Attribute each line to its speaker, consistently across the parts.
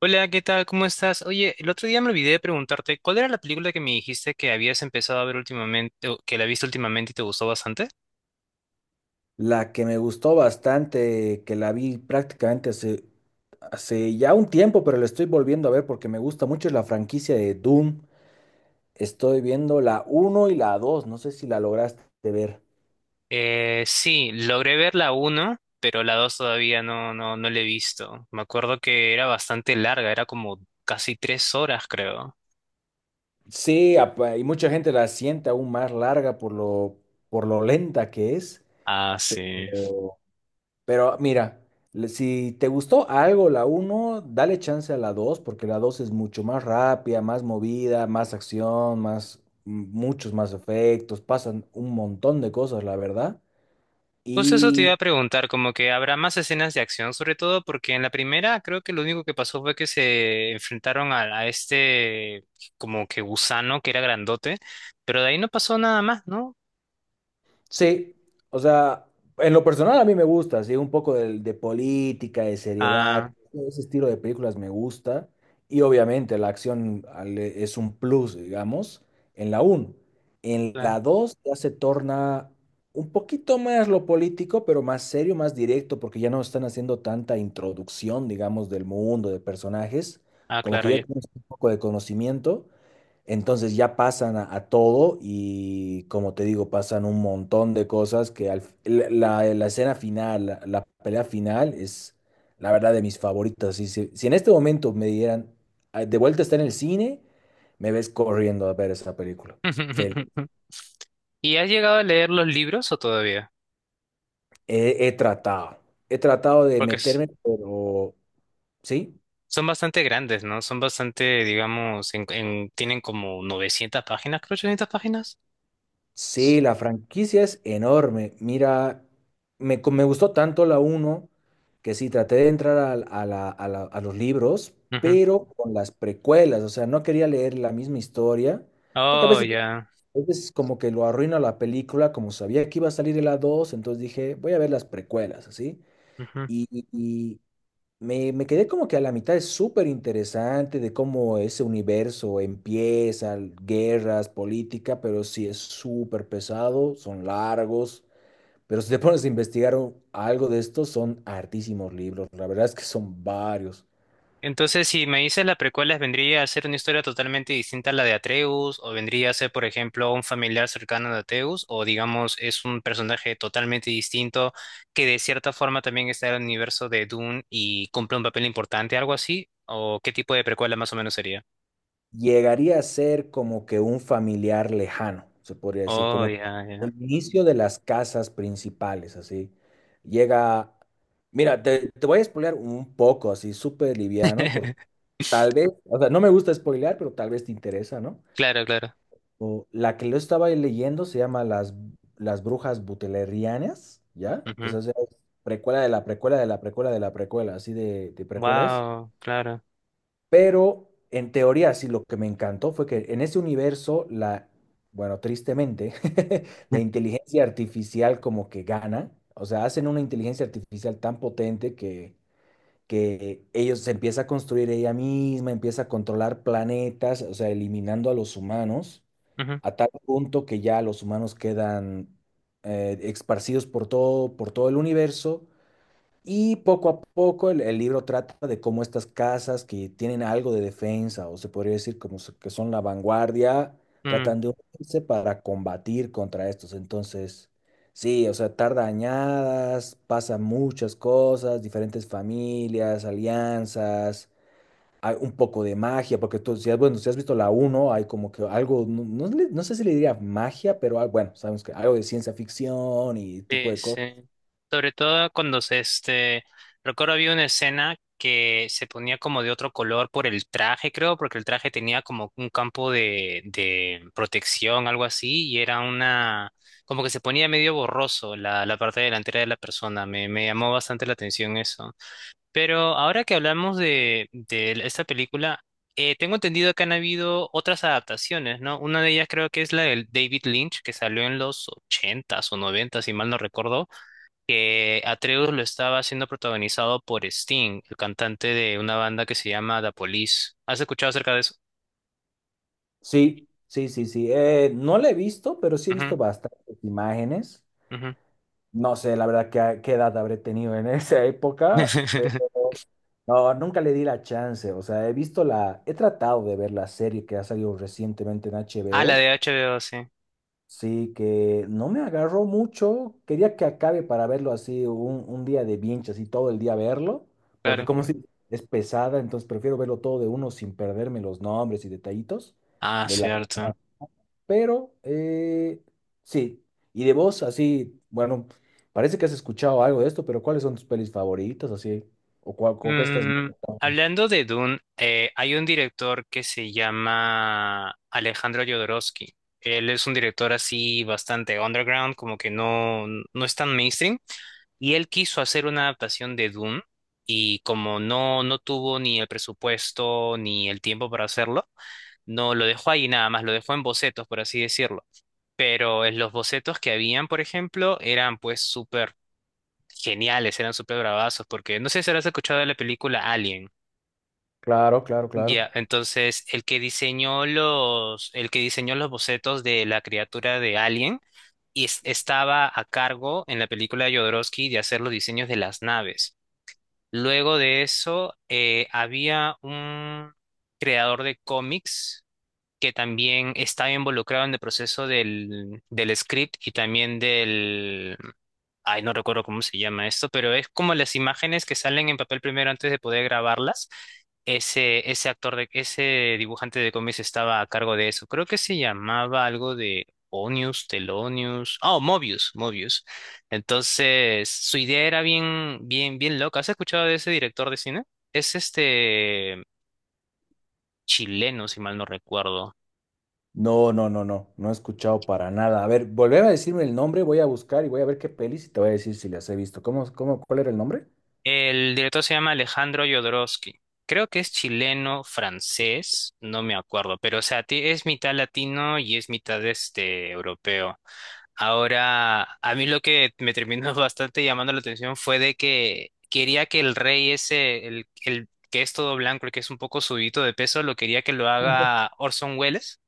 Speaker 1: Hola, ¿qué tal? ¿Cómo estás? Oye, el otro día me olvidé de preguntarte, ¿cuál era la película que me dijiste que habías empezado a ver últimamente, o que la viste últimamente y te gustó bastante?
Speaker 2: La que me gustó bastante, que la vi prácticamente hace ya un tiempo, pero la estoy volviendo a ver porque me gusta mucho, es la franquicia de Doom. Estoy viendo la uno y la dos, no sé si la lograste ver.
Speaker 1: Sí, logré ver la 1, pero la 2 todavía no, no la he visto. Me acuerdo que era bastante larga, era como casi 3 horas, creo.
Speaker 2: Sí, y mucha gente la siente aún más larga por lo lenta que es.
Speaker 1: Ah, sí.
Speaker 2: Pero mira, si te gustó algo la uno, dale chance a la 2 porque la 2 es mucho más rápida, más movida, más acción, muchos más efectos, pasan un montón de cosas, la verdad.
Speaker 1: Justo eso te iba
Speaker 2: Y
Speaker 1: a preguntar, como que habrá más escenas de acción, sobre todo porque en la primera creo que lo único que pasó fue que se enfrentaron a este como que gusano que era grandote, pero de ahí no pasó nada más, ¿no?
Speaker 2: sí, o sea, en lo personal a mí me gusta, sí, un poco de política, de seriedad,
Speaker 1: Ah,
Speaker 2: ese estilo de películas me gusta y obviamente la acción es un plus, digamos, en la uno. En
Speaker 1: claro.
Speaker 2: la 2 ya se torna un poquito más lo político, pero más serio, más directo, porque ya no están haciendo tanta introducción, digamos, del mundo, de personajes,
Speaker 1: Ah,
Speaker 2: como que
Speaker 1: claro,
Speaker 2: ya
Speaker 1: ya.
Speaker 2: tienes un poco de conocimiento. Entonces ya pasan a todo y, como te digo, pasan un montón de cosas que la escena final, la pelea final es la verdad de mis favoritas. Si en este momento me dieran, "Ah, de vuelta está en el cine", me ves corriendo a ver esa película. Fel-
Speaker 1: ¿Y has llegado a leer los libros o todavía?
Speaker 2: he, he tratado, he tratado de
Speaker 1: Porque es-
Speaker 2: meterme, pero sí.
Speaker 1: Son bastante grandes, ¿no? Son bastante, digamos, tienen como 900 páginas, creo, 800 páginas.
Speaker 2: Sí, la franquicia es enorme. Mira, me gustó tanto la uno que sí, traté de entrar a los libros,
Speaker 1: Ujú.
Speaker 2: pero con las precuelas. O sea, no quería leer la misma historia, porque
Speaker 1: Oh, ya.
Speaker 2: a veces como que lo arruina la película. Como sabía que iba a salir en la 2, entonces dije, voy a ver las precuelas, así. Y me quedé como que a la mitad. Es súper interesante de cómo ese universo empieza, guerras, política, pero sí es súper pesado, son largos, pero si te pones a investigar algo de esto, son hartísimos libros, la verdad es que son varios.
Speaker 1: Entonces, si me dices las precuelas, ¿vendría a ser una historia totalmente distinta a la de Atreus? ¿O vendría a ser, por ejemplo, un familiar cercano de Atreus? ¿O digamos, es un personaje totalmente distinto que de cierta forma también está en el universo de Dune y cumple un papel importante, algo así? ¿O qué tipo de precuela más o menos sería?
Speaker 2: Llegaría a ser como que un familiar lejano, se podría decir,
Speaker 1: Oh,
Speaker 2: como
Speaker 1: ya, ya.
Speaker 2: el inicio de las casas principales, así. Llega, mira, te voy a spoilear un poco, así, súper liviano. Tal vez, o sea, no me gusta spoilear, pero tal vez te interesa, ¿no?
Speaker 1: Claro, claro.
Speaker 2: O, la que lo estaba leyendo se llama Las Brujas Butlerianas, ¿ya? Esa es precuela de la precuela de la precuela de la precuela, así de precuela es.
Speaker 1: Wow, claro.
Speaker 2: Pero en teoría, sí, lo que me encantó fue que en ese universo, bueno, tristemente, la inteligencia artificial como que gana. O sea, hacen una inteligencia artificial tan potente que ellos se empieza a construir ella misma, empieza a controlar planetas, o sea, eliminando a los humanos,
Speaker 1: Ujú,
Speaker 2: a tal punto que ya los humanos quedan esparcidos por todo el universo, y poco a poco el libro trata de cómo estas casas que tienen algo de defensa, o se podría decir como que son la vanguardia,
Speaker 1: mm.
Speaker 2: tratan de unirse para combatir contra estos. Entonces, sí, o sea, tarda añadas, pasan muchas cosas, diferentes familias, alianzas, hay un poco de magia, porque tú, si has, bueno, si has visto la uno hay como que algo, no sé si le diría magia, pero ah, bueno, sabemos que algo de ciencia ficción y tipo
Speaker 1: Sí,
Speaker 2: de cosas.
Speaker 1: sí. Sobre todo cuando recuerdo había una escena que se ponía como de otro color por el traje, creo, porque el traje tenía como un campo de protección, algo así, y era una, como que se ponía medio borroso la parte delantera de la persona. Me llamó bastante la atención eso. Pero ahora que hablamos de esta película, tengo entendido que han habido otras adaptaciones, ¿no? Una de ellas creo que es la del David Lynch, que salió en los ochentas o noventas, si mal no recuerdo, que Atreus lo estaba siendo protagonizado por Sting, el cantante de una banda que se llama The Police. ¿Has escuchado acerca de eso?
Speaker 2: Sí, sí, sí, sí. No la he visto, pero sí he
Speaker 1: Ujú,
Speaker 2: visto bastantes imágenes.
Speaker 1: ujú.
Speaker 2: No sé, la verdad, qué edad habré tenido en esa época, pero no, nunca le di la chance. O sea, he visto la, he tratado de ver la serie que ha salido recientemente en
Speaker 1: Ah, la
Speaker 2: HBO.
Speaker 1: de HBO, sí,
Speaker 2: Sí, que no me agarró mucho. Quería que acabe para verlo así un día de binge, así todo el día verlo, porque
Speaker 1: claro.
Speaker 2: como si es pesada, entonces prefiero verlo todo de uno sin perderme los nombres y detallitos.
Speaker 1: Ah,
Speaker 2: De la,
Speaker 1: cierto.
Speaker 2: pero eh, sí, y de vos, así, bueno, parece que has escuchado algo de esto, pero ¿cuáles son tus pelis favoritas, así? ¿O cuál, o qué estás
Speaker 1: Mm,
Speaker 2: viendo?
Speaker 1: hablando de Dune, hay un director que se llama Alejandro Jodorowsky. Él es un director así bastante underground, como que no, no es tan mainstream. Y él quiso hacer una adaptación de Dune y como no, no tuvo ni el presupuesto ni el tiempo para hacerlo, no lo dejó ahí nada más, lo dejó en bocetos, por así decirlo. Pero en los bocetos que habían, por ejemplo, eran pues súper geniales, eran súper bravazos, porque no sé si habrás escuchado de la película Alien.
Speaker 2: Claro, claro, claro.
Speaker 1: Ya, entonces el que diseñó los, el que diseñó los bocetos de la criatura de Alien estaba a cargo en la película de Jodorowsky de hacer los diseños de las naves. Luego de eso, había un creador de cómics que también estaba involucrado en el proceso del script y también del, ay, no recuerdo cómo se llama esto, pero es como las imágenes que salen en papel primero antes de poder grabarlas ese, ese actor de, ese dibujante de cómics estaba a cargo de eso. Creo que se llamaba algo de Onius, Telonius, oh, Mobius, Mobius. Entonces, su idea era bien, bien, bien loca. ¿Has escuchado de ese director de cine? Es este chileno, si mal no recuerdo.
Speaker 2: No, no, no, no, no he escuchado para nada. A ver, volver a decirme el nombre, voy a buscar y voy a ver qué pelis y te voy a decir si las he visto. Cuál era el nombre?
Speaker 1: El director se llama Alejandro Jodorowsky. Creo que es chileno, francés, no me acuerdo, pero o sea, ti- es mitad latino y es mitad este europeo. Ahora, a mí lo que me terminó bastante llamando la atención fue de que quería que el rey ese, el que es todo blanco, el que es un poco subidito de peso, lo quería que lo haga Orson Welles.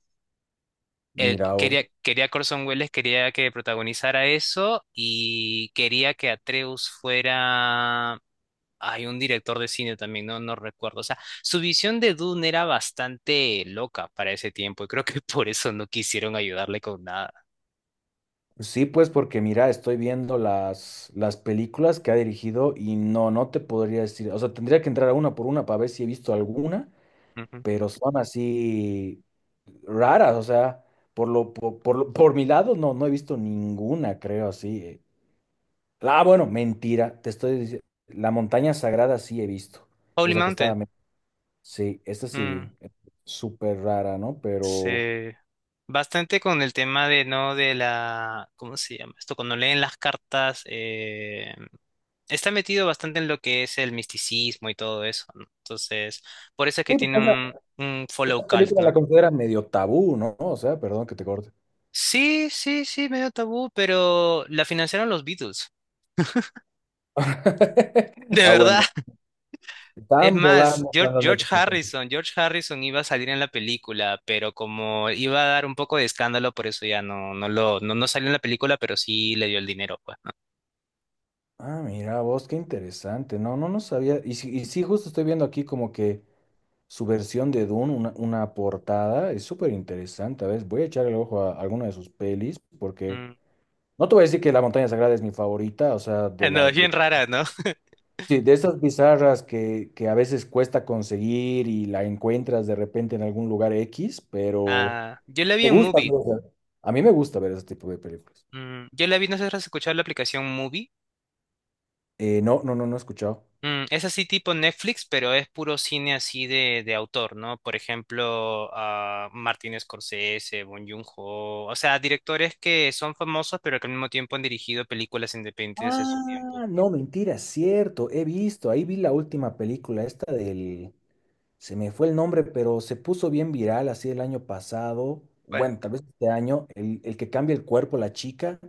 Speaker 1: Él
Speaker 2: Mira,
Speaker 1: quería, quería que Orson Welles quería que protagonizara eso y quería que Atreus fuera... Hay un director de cine también, no recuerdo. O sea, su visión de Dune era bastante loca para ese tiempo y creo que por eso no quisieron ayudarle con nada.
Speaker 2: sí, pues porque mira, estoy viendo las películas que ha dirigido y no, no te podría decir, o sea, tendría que entrar a una por una para ver si he visto alguna,
Speaker 1: Ujú.
Speaker 2: pero son así raras, o sea, por mi lado no, no he visto ninguna, creo, así. Ah, bueno, mentira, te estoy diciendo, La Montaña Sagrada sí he visto,
Speaker 1: Holy
Speaker 2: esa que
Speaker 1: Mountain.
Speaker 2: sí, esta sí
Speaker 1: Mm.
Speaker 2: vi, súper rara, ¿no? Pero
Speaker 1: Se bastante con el tema de no de la ¿cómo se llama esto? Cuando leen las cartas está metido bastante en lo que es el misticismo y todo eso, ¿no? Entonces, por eso es que
Speaker 2: sí, porque
Speaker 1: tiene
Speaker 2: esa,
Speaker 1: un follow
Speaker 2: esa
Speaker 1: cult,
Speaker 2: película la
Speaker 1: ¿no?
Speaker 2: consideran medio tabú, ¿no? O sea, perdón que te corte.
Speaker 1: Sí, sí, sí, medio tabú, pero la financiaron los Beatles. De
Speaker 2: Ah,
Speaker 1: verdad.
Speaker 2: bueno,
Speaker 1: Es
Speaker 2: estaban
Speaker 1: más,
Speaker 2: volando cuando han
Speaker 1: George
Speaker 2: hecho esta película.
Speaker 1: Harrison, George Harrison iba a salir en la película, pero como iba a dar un poco de escándalo, por eso ya no, no salió en la película, pero sí le dio el dinero, pues.
Speaker 2: Ah, mira vos, qué interesante. No, no, no sabía. Y sí, justo estoy viendo aquí como que su versión de Dune, una portada, es súper interesante. A ver, voy a echarle el ojo a alguna de sus pelis, porque
Speaker 1: Mm,
Speaker 2: no te voy a decir que La Montaña Sagrada es mi favorita, o sea,
Speaker 1: No, es bien rara, ¿no?
Speaker 2: sí, de esas bizarras que a veces cuesta conseguir y la encuentras de repente en algún lugar X, pero
Speaker 1: Ah, yo la vi
Speaker 2: me
Speaker 1: en
Speaker 2: gusta.
Speaker 1: movie.
Speaker 2: ¿No? O sea, a mí me gusta ver ese tipo de películas.
Speaker 1: Mm, yo la vi, no sé si has escuchado la aplicación movie.
Speaker 2: No, no, no, no he escuchado.
Speaker 1: Mm, es así tipo Netflix, pero es puro cine así de autor, ¿no? Por ejemplo, ah, Martin Scorsese, Bong Joon-ho, o sea, directores que son famosos, pero que al mismo tiempo han dirigido películas independientes en su tiempo.
Speaker 2: Ah, no, mentira, cierto, he visto, ahí vi la última película, esta se me fue el nombre, pero se puso bien viral así el año pasado,
Speaker 1: ¿Cuál?
Speaker 2: bueno, tal vez este año, el que cambia el cuerpo, la chica.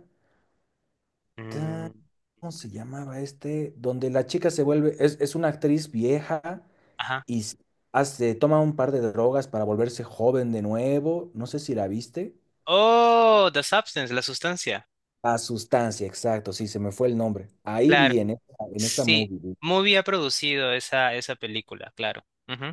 Speaker 2: Ta-
Speaker 1: Mm,
Speaker 2: ¿Cómo se llamaba este? Donde la chica se vuelve, es una actriz vieja
Speaker 1: ajá.
Speaker 2: y hace, toma un par de drogas para volverse joven de nuevo, no sé si la viste.
Speaker 1: Oh, The Substance, la sustancia.
Speaker 2: La sustancia, exacto, sí, se me fue el nombre. Ahí
Speaker 1: Claro.
Speaker 2: vi en esa
Speaker 1: Sí,
Speaker 2: movie vi.
Speaker 1: muy bien producido esa, esa película, claro. Ujú.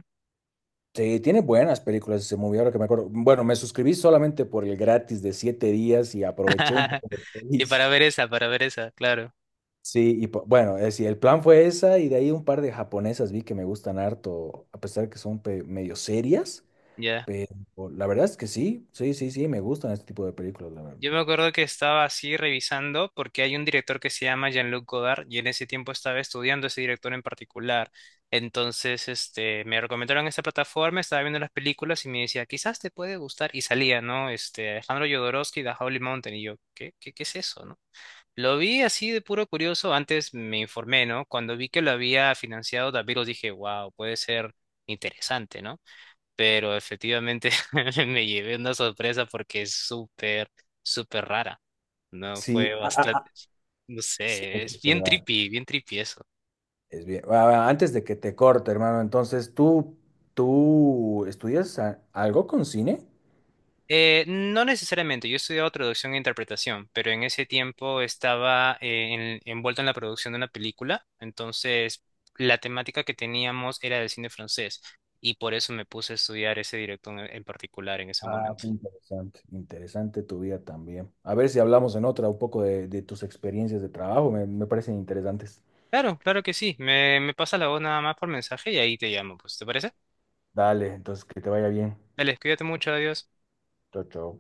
Speaker 2: Sí, tiene buenas películas ese movie, ahora que me acuerdo. Bueno, me suscribí solamente por el gratis de siete días y aproveché un poco de
Speaker 1: Y
Speaker 2: pelis.
Speaker 1: para ver esa, claro,
Speaker 2: Sí, y bueno, es decir, el plan fue esa y de ahí un par de japonesas vi que me gustan harto, a pesar que son medio serias,
Speaker 1: ya.
Speaker 2: pero la verdad es que sí, sí, sí, sí, me gustan este tipo de películas, la verdad.
Speaker 1: Yo me acuerdo que estaba así revisando porque hay un director que se llama Jean-Luc Godard y en ese tiempo estaba estudiando ese director en particular. Entonces, me recomendaron esta plataforma, estaba viendo las películas y me decía, quizás te puede gustar. Y salía, ¿no? Alejandro Jodorowsky, The Holy Mountain. Y yo, qué es eso, no?". Lo vi así de puro curioso, antes me informé, ¿no? Cuando vi que lo había financiado Daviros dije, wow, puede ser interesante, ¿no? Pero efectivamente me llevé una sorpresa porque es súper, súper rara, ¿no?
Speaker 2: Sí,
Speaker 1: Fue
Speaker 2: ah, ah, ah,
Speaker 1: bastante, no
Speaker 2: sí,
Speaker 1: sé,
Speaker 2: es
Speaker 1: es bien
Speaker 2: verdad,
Speaker 1: trippy, bien trippy.
Speaker 2: es bien. Ah, ah, antes de que te corte, hermano, entonces, ¿tú, tú estudias algo con cine?
Speaker 1: No necesariamente, yo he estudiado traducción e interpretación, pero en ese tiempo estaba envuelto en la producción de una película, entonces la temática que teníamos era del cine francés y por eso me puse a estudiar ese director en particular en ese
Speaker 2: Ah,
Speaker 1: momento.
Speaker 2: qué interesante, interesante tu vida también. A ver si hablamos en otra un poco de tus experiencias de trabajo, me parecen interesantes.
Speaker 1: Claro, claro que sí, me pasa la voz nada más por mensaje y ahí te llamo, pues, ¿te parece?
Speaker 2: Dale, entonces que te vaya bien.
Speaker 1: Dale, cuídate mucho, adiós.
Speaker 2: Chao, chao.